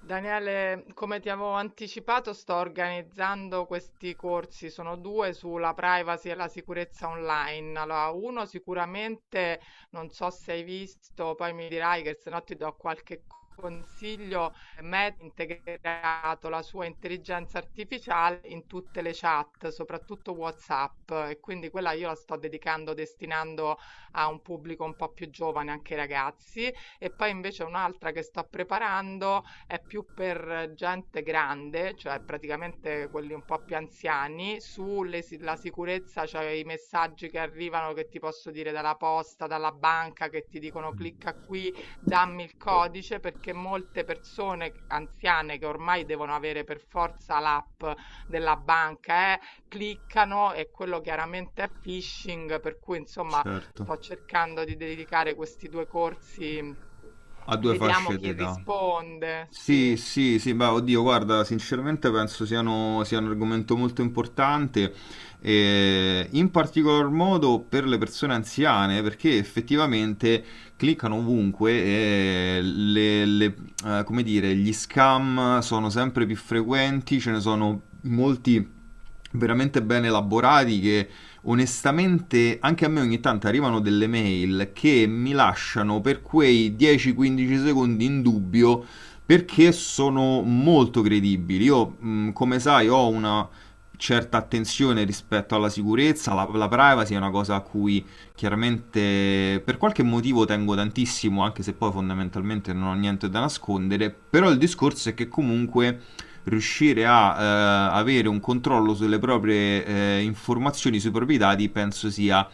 Daniele, come ti avevo anticipato, sto organizzando questi corsi, sono due sulla privacy e la sicurezza online. Allora, uno sicuramente, non so se hai visto, poi mi dirai che se no ti do qualche consiglio. Meta ha integrato la sua intelligenza artificiale in tutte le chat, soprattutto WhatsApp, e quindi quella io la sto dedicando, destinando a un pubblico un po' più giovane, anche ai ragazzi. E poi invece un'altra che sto preparando è più per gente grande, cioè praticamente quelli un po' più anziani, sulle si la sicurezza, cioè i messaggi che arrivano che ti posso dire dalla posta, dalla banca, che ti dicono clicca qui, dammi il codice, perché molte persone anziane che ormai devono avere per forza l'app della banca, cliccano e quello chiaramente è phishing, per cui insomma Certo. sto cercando di dedicare questi due corsi, Ha due vediamo fasce chi d'età. risponde, sì. Sì, sì, sì, beh, oddio, guarda, sinceramente penso siano- sia un argomento molto importante, in particolar modo per le persone anziane, perché effettivamente cliccano ovunque e le- come dire, gli scam sono sempre più frequenti, ce ne sono molti veramente ben elaborati che onestamente anche a me ogni tanto arrivano delle mail che mi lasciano per quei 10-15 secondi in dubbio perché sono molto credibili. Io, come sai, ho una certa attenzione rispetto alla sicurezza, la privacy è una cosa a cui chiaramente per qualche motivo tengo tantissimo, anche se poi fondamentalmente non ho niente da nascondere, però il discorso è che comunque riuscire a avere un controllo sulle proprie informazioni, sui propri dati, penso sia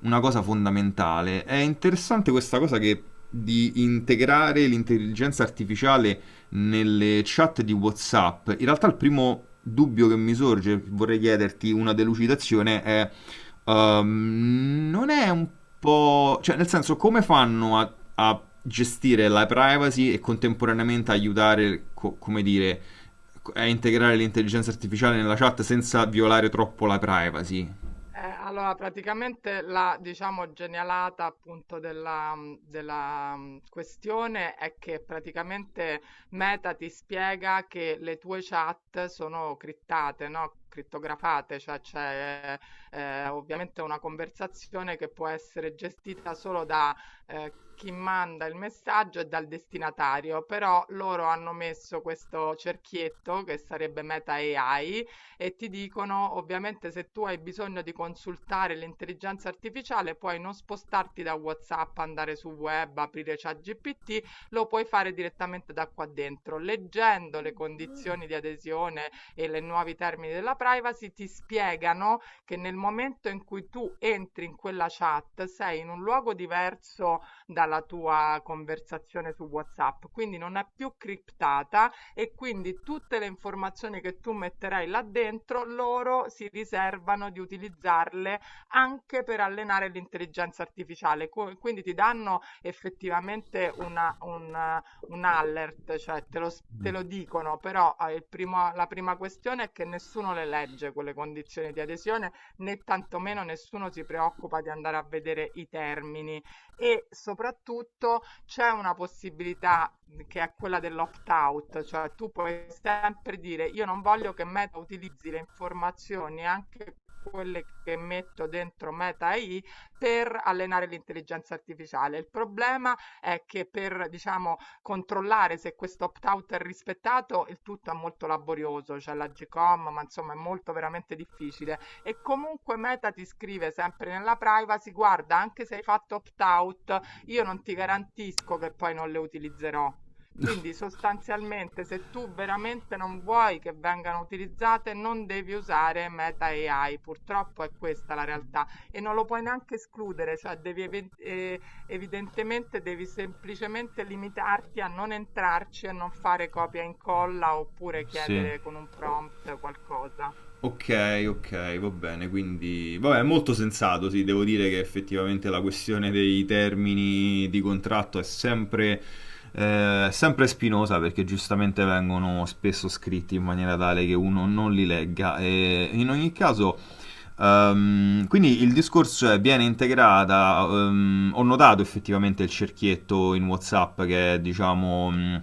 una cosa fondamentale. È interessante questa cosa che di integrare l'intelligenza artificiale nelle chat di WhatsApp. In realtà il primo dubbio che mi sorge, vorrei chiederti una delucidazione, è non è un po'... cioè nel senso come fanno a gestire la privacy e contemporaneamente aiutare, co- come dire, a integrare l'intelligenza artificiale nella chat senza violare troppo la privacy? Allora praticamente la, diciamo, genialata appunto della questione è che praticamente Meta ti spiega che le tue chat sono criptate, no? Crittografate, cioè c'è ovviamente una conversazione che può essere gestita solo da chi manda il messaggio e dal destinatario, però loro hanno messo questo cerchietto che sarebbe Meta AI e ti dicono ovviamente se tu hai bisogno di consultare l'intelligenza artificiale puoi non spostarti da WhatsApp, andare su web, aprire ChatGPT, lo puoi fare direttamente da qua dentro. Leggendo le condizioni di adesione e i nuovi termini della privacy ti spiegano che nel momento in cui tu entri in quella chat sei in un luogo diverso dalla tua conversazione su WhatsApp, quindi non è più criptata e quindi tutte le informazioni che tu metterai là dentro, loro si riservano di utilizzarle anche per allenare l'intelligenza artificiale. Quindi ti danno effettivamente una, un alert, cioè te lo spiegano te lo dicono, però la prima questione è che nessuno le legge quelle condizioni di adesione, né tantomeno nessuno si preoccupa di andare a vedere i termini e soprattutto c'è una possibilità che è quella dell'opt-out, cioè tu puoi sempre dire io non voglio che Meta utilizzi le informazioni, anche quelle che metto dentro Meta AI per allenare l'intelligenza artificiale. Il problema è che per, diciamo, controllare se questo opt-out è rispettato, il tutto è molto laborioso, c'è cioè la GCOM, ma insomma è molto veramente difficile e comunque Meta ti scrive sempre nella privacy, guarda, anche se hai fatto opt-out, io non ti garantisco che poi non le utilizzerò. Quindi sostanzialmente se tu veramente non vuoi che vengano utilizzate, non devi usare Meta AI. Purtroppo è questa la realtà e non lo puoi neanche escludere, cioè evidentemente devi semplicemente limitarti a non entrarci e non fare copia e incolla oppure Sì. chiedere con un prompt qualcosa. Ok, ok, va bene, quindi... Vabbè, è molto sensato, sì, devo dire che effettivamente la questione dei termini di contratto è sempre, sempre spinosa perché giustamente vengono spesso scritti in maniera tale che uno non li legga e in ogni caso... Quindi il discorso è viene integrata, ho notato effettivamente il cerchietto in WhatsApp che è, diciamo, mh,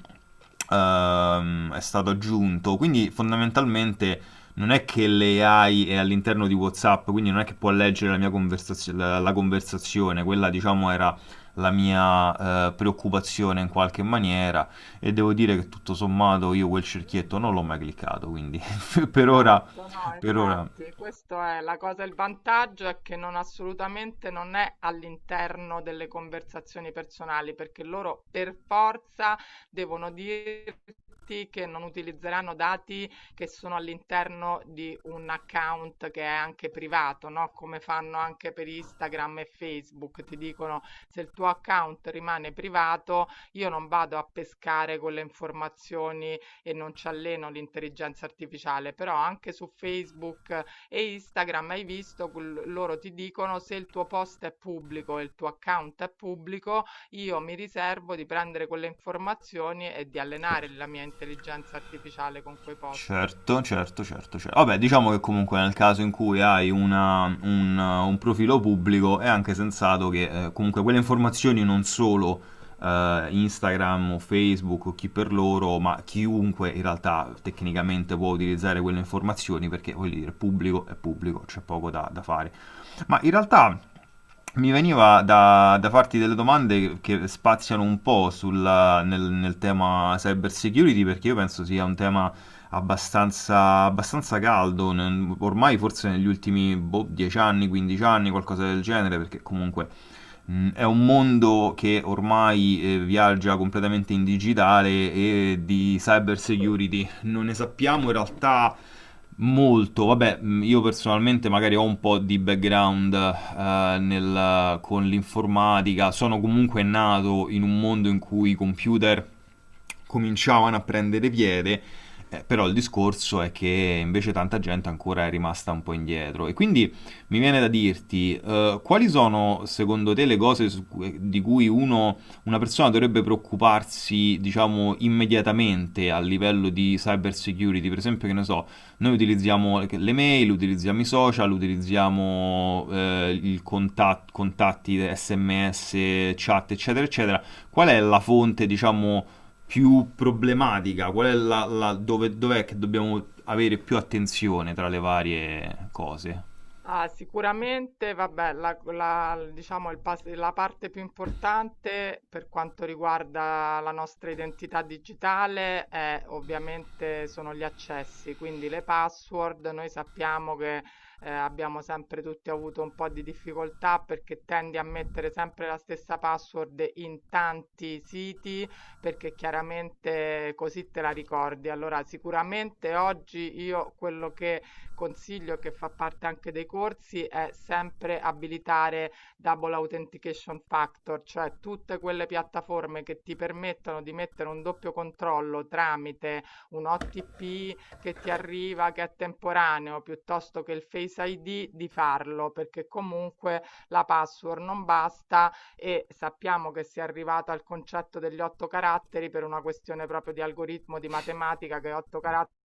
ehm, è stato aggiunto, quindi fondamentalmente non è che l'AI è all'interno di WhatsApp, quindi non è che può leggere la mia conversazio- la conversazione, quella diciamo era la mia preoccupazione in qualche maniera e devo dire che tutto sommato io quel cerchietto non l'ho mai cliccato, quindi per ora, Esatto, no, per ora, infatti, questo è la cosa, il vantaggio è che non assolutamente non è all'interno delle conversazioni personali, perché loro per forza devono dirti che non utilizzeranno dati che sono all'interno di un account che è anche privato, no? Come fanno anche per Instagram e Facebook, ti dicono se il tuo account rimane privato, io non vado a pescare con le informazioni e non ci alleno l'intelligenza artificiale, però anche su Facebook e Instagram hai visto, loro ti dicono se il tuo post è pubblico e il tuo account è pubblico, io mi riservo di prendere quelle informazioni e di allenare certo. la mia intelligenza artificiale con quei post. Certo, certo, certo, certo. Vabbè, diciamo che comunque nel caso in cui hai una- un profilo pubblico è anche sensato che comunque quelle informazioni non solo Instagram o Facebook o chi per loro, ma chiunque in realtà tecnicamente può utilizzare quelle informazioni perché voglio dire, pubblico è pubblico, c'è poco da fare. Ma in realtà mi veniva da farti delle domande che spaziano un po' sulla- nel, nel tema cyber security perché io penso sia un tema abbastanza, abbastanza caldo, n- ormai forse negli ultimi boh, 10 anni, 15 anni, qualcosa del genere, perché comunque è un mondo che ormai viaggia completamente in digitale e di cyber security non ne sappiamo in realtà molto, vabbè, io personalmente magari ho un po' di background nel- con l'informatica, sono comunque nato in un mondo in cui i computer cominciavano a prendere piede, però il discorso è che invece tanta gente ancora è rimasta un po' indietro. E quindi mi viene da dirti, quali sono secondo te le cose su cui- di cui uno, una persona dovrebbe preoccuparsi, diciamo, immediatamente a livello di cyber security? Per esempio, che ne so noi utilizziamo le mail, utilizziamo i social, utilizziamo il contat- contatti, SMS, chat, eccetera, eccetera. Qual è la fonte, diciamo, più problematica? Qual è la, la- dove, dov'è che dobbiamo avere più attenzione tra le varie cose? Ah, sicuramente, vabbè, diciamo la parte più importante per quanto riguarda la nostra identità digitale è ovviamente sono gli accessi, quindi le password. Noi sappiamo che abbiamo sempre tutti avuto un po' di difficoltà perché tendi a mettere sempre la stessa password in tanti siti perché chiaramente così te la ricordi. Allora, sicuramente oggi io quello che consiglio che fa parte anche dei corsi è sempre abilitare Double Authentication Factor, cioè tutte quelle piattaforme che ti permettono di mettere un doppio controllo tramite un OTP che ti arriva, che è temporaneo, piuttosto che il Face ID, di farlo, perché comunque la password non basta e sappiamo che si è arrivato al concetto degli otto caratteri per una questione proprio di algoritmo di matematica che otto caratteri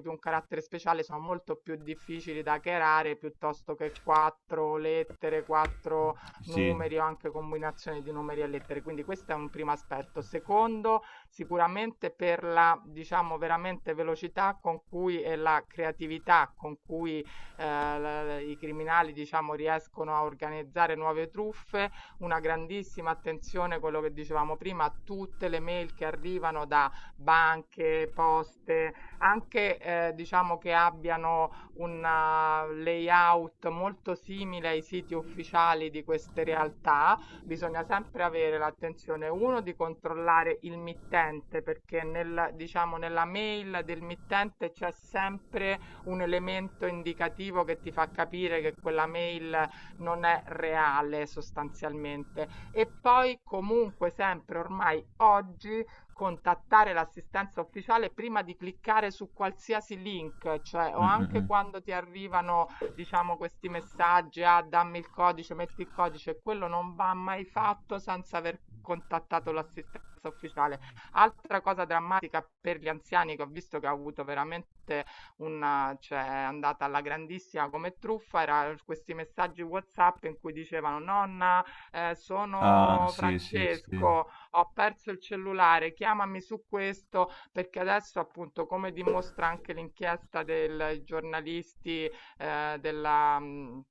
più un carattere speciale sono molto più difficili da chiarare piuttosto che quattro lettere, quattro Sì. numeri o anche combinazioni di numeri e lettere. Quindi questo è un primo aspetto. Secondo, sicuramente per la diciamo veramente velocità con cui e la creatività con cui i criminali diciamo riescono a organizzare nuove truffe una grandissima attenzione, quello che dicevamo prima, a tutte le mail che arrivano da banche, poste, anche diciamo che abbiano un layout molto simile ai siti ufficiali di queste realtà, bisogna sempre avere l'attenzione, uno, di controllare il mittente, perché nel, diciamo, nella mail del mittente c'è sempre un elemento indicativo che ti fa capire che quella mail non è reale sostanzialmente. E poi comunque sempre ormai oggi contattare l'assistenza ufficiale prima di cliccare su qualsiasi link, cioè o Mm, mm, anche mm. quando ti arrivano, diciamo, questi messaggi, ah, dammi il codice, metti il codice, quello non va mai fatto senza aver contattato l'assistenza ufficiale. Altra cosa drammatica per gli anziani che ho visto che ha avuto veramente una cioè è andata alla grandissima come truffa, era questi messaggi WhatsApp in cui dicevano: "Nonna, Ah, sono sì, sì, sì. Francesco, ho perso il cellulare, chiamami su questo", perché adesso appunto, come dimostra anche l'inchiesta del giornalisti eh, della, mh,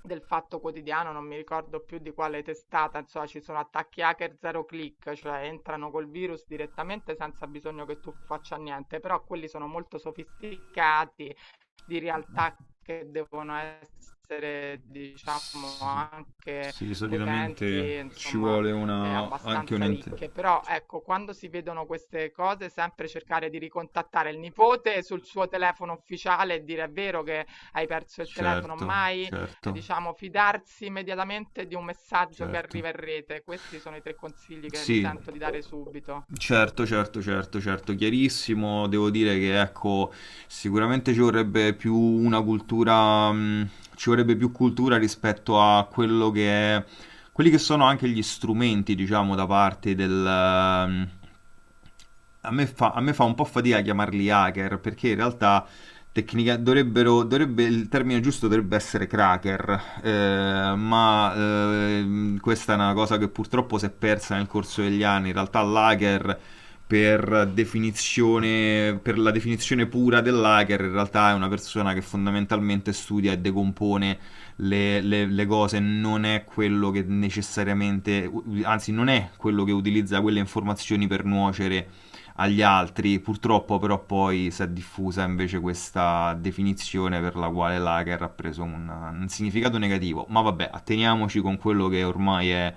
del Fatto Quotidiano, non mi ricordo più di quale testata, insomma ci sono attacchi hacker zero click, cioè entrano col virus direttamente senza bisogno che tu faccia niente, però quelli sono molto sofisticati di realtà che devono essere, diciamo, S- anche sì, solitamente potenti, ci insomma, vuole una... anche un... abbastanza int- ricche. Però ecco, quando si vedono queste cose, sempre cercare di ricontattare il nipote sul suo telefono ufficiale e dire è vero che hai perso il telefono, Certo, mai, certo, diciamo, fidarsi immediatamente di un messaggio che certo. arriva in rete. Questi sono i tre consigli che mi Sì, sento di dare subito. certo, certo, certo, certo, chiarissimo. Devo dire che ecco, sicuramente ci vorrebbe più una cultura, ci vorrebbe più cultura rispetto a quello che è, quelli che sono anche gli strumenti, diciamo, da parte del, a me fa un po' fatica chiamarli hacker, perché in realtà tecnica, dovrebbero, dovrebbe, il termine giusto dovrebbe essere cracker, ma questa è una cosa che purtroppo si è persa nel corso degli anni. In realtà l'hacker, per definizione, per la definizione pura dell'hacker, in realtà è una persona che fondamentalmente studia e decompone le cose, non è quello che necessariamente, anzi non è quello che utilizza quelle informazioni per nuocere agli altri. Purtroppo però poi si è diffusa invece questa definizione per la quale lager ha preso un significato negativo. Ma vabbè, atteniamoci con quello che ormai è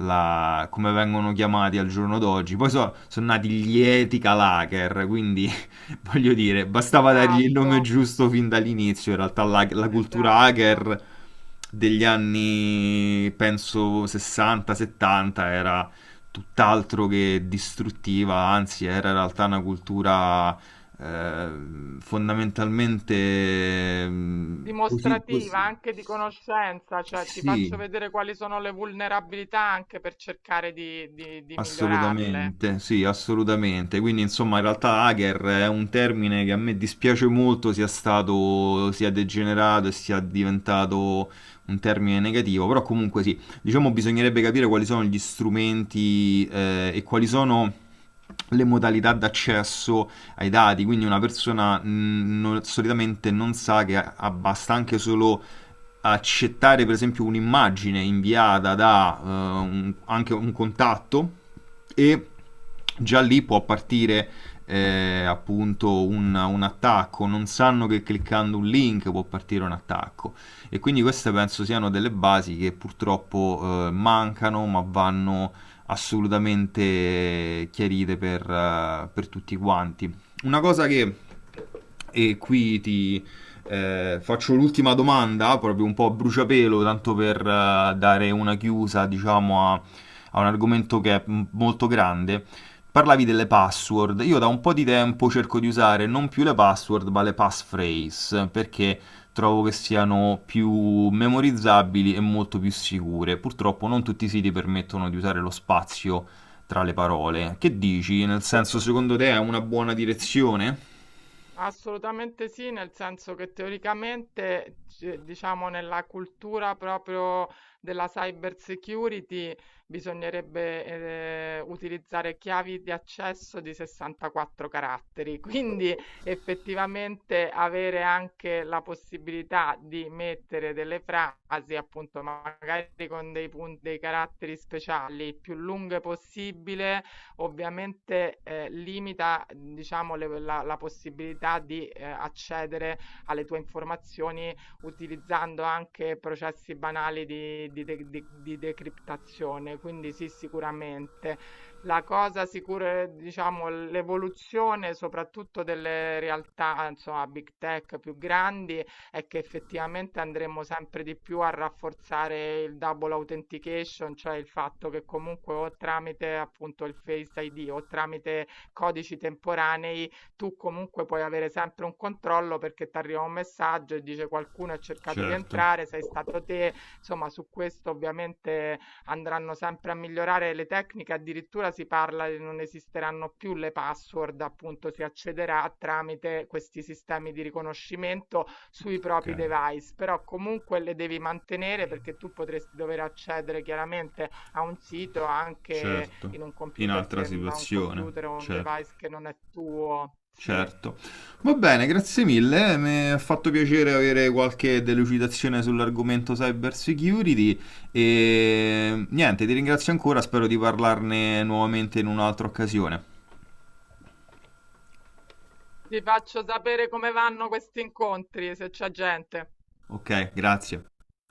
la- come vengono chiamati al giorno d'oggi. Poi so- sono nati gli Etica Lager, quindi voglio dire, bastava dargli il Esatto, nome giusto fin dall'inizio. In realtà la cultura esatto. hacker degli anni, penso, 60-70 era tutt'altro che distruttiva, anzi era in realtà una cultura fondamentalmente posi- pos- Dimostrativa anche di conoscenza, cioè ti sì, faccio vedere quali sono le vulnerabilità anche per cercare di, di migliorarle. assolutamente, sì, Mm. assolutamente. Quindi, insomma, in realtà hacker è un termine che a me dispiace molto sia stato, sia degenerato e sia diventato un termine negativo, però comunque sì, diciamo bisognerebbe capire quali sono gli strumenti e quali sono le modalità d'accesso ai dati, quindi una persona non- solitamente non sa che ha- ha- basta anche solo accettare per esempio un'immagine inviata da un- anche un contatto e già lì può partire appunto un attacco, non sanno che cliccando un link può partire un attacco e quindi queste penso siano delle basi che purtroppo mancano ma vanno assolutamente chiarite per tutti quanti. Una cosa che, e qui ti, faccio l'ultima domanda, proprio un po' a bruciapelo, tanto per dare una chiusa, diciamo, a, a un argomento che è m- molto grande. Parlavi delle password. Io da un po' di tempo cerco di usare non più le password, ma le passphrase, perché trovo che siano più memorizzabili e molto più sicure. Purtroppo non tutti i siti permettono di usare lo spazio tra le parole. Che dici? Nel senso, secondo te è una buona direzione? Assolutamente sì, nel senso che teoricamente, diciamo, nella cultura proprio della cyber security bisognerebbe utilizzare chiavi di accesso di 64 caratteri, quindi effettivamente avere anche la possibilità di mettere delle frasi, appunto, magari con dei punti, dei caratteri speciali il più lunghe possibile ovviamente limita, diciamo, la, la possibilità di accedere alle tue informazioni utilizzando anche processi banali di decriptazione. Quindi sì, sicuramente. La cosa sicura, è, diciamo, l'evoluzione soprattutto delle realtà, insomma, big tech più grandi è che effettivamente andremo sempre di più a rafforzare il double authentication, cioè il fatto che comunque o tramite appunto il Face ID o tramite codici temporanei tu comunque puoi avere sempre un controllo perché ti arriva un messaggio e dice qualcuno ha cercato di Certo. entrare, sei stato te, insomma su questo ovviamente andranno sempre a migliorare le tecniche, addirittura si parla che non esisteranno più le password, appunto si accederà tramite questi sistemi di riconoscimento sui Ok. propri device, però comunque le devi mantenere perché tu potresti dover accedere chiaramente a un sito anche Certo, in un in computer altra che da un computer situazione, o un certo, device che non è tuo. Sì. certo. Va bene, grazie mille, mi ha fatto piacere avere qualche delucidazione sull'argomento cyber security e niente, ti ringrazio ancora, spero di parlarne nuovamente in un'altra occasione. Ti faccio sapere come vanno questi incontri, se c'è gente. Ok, grazie.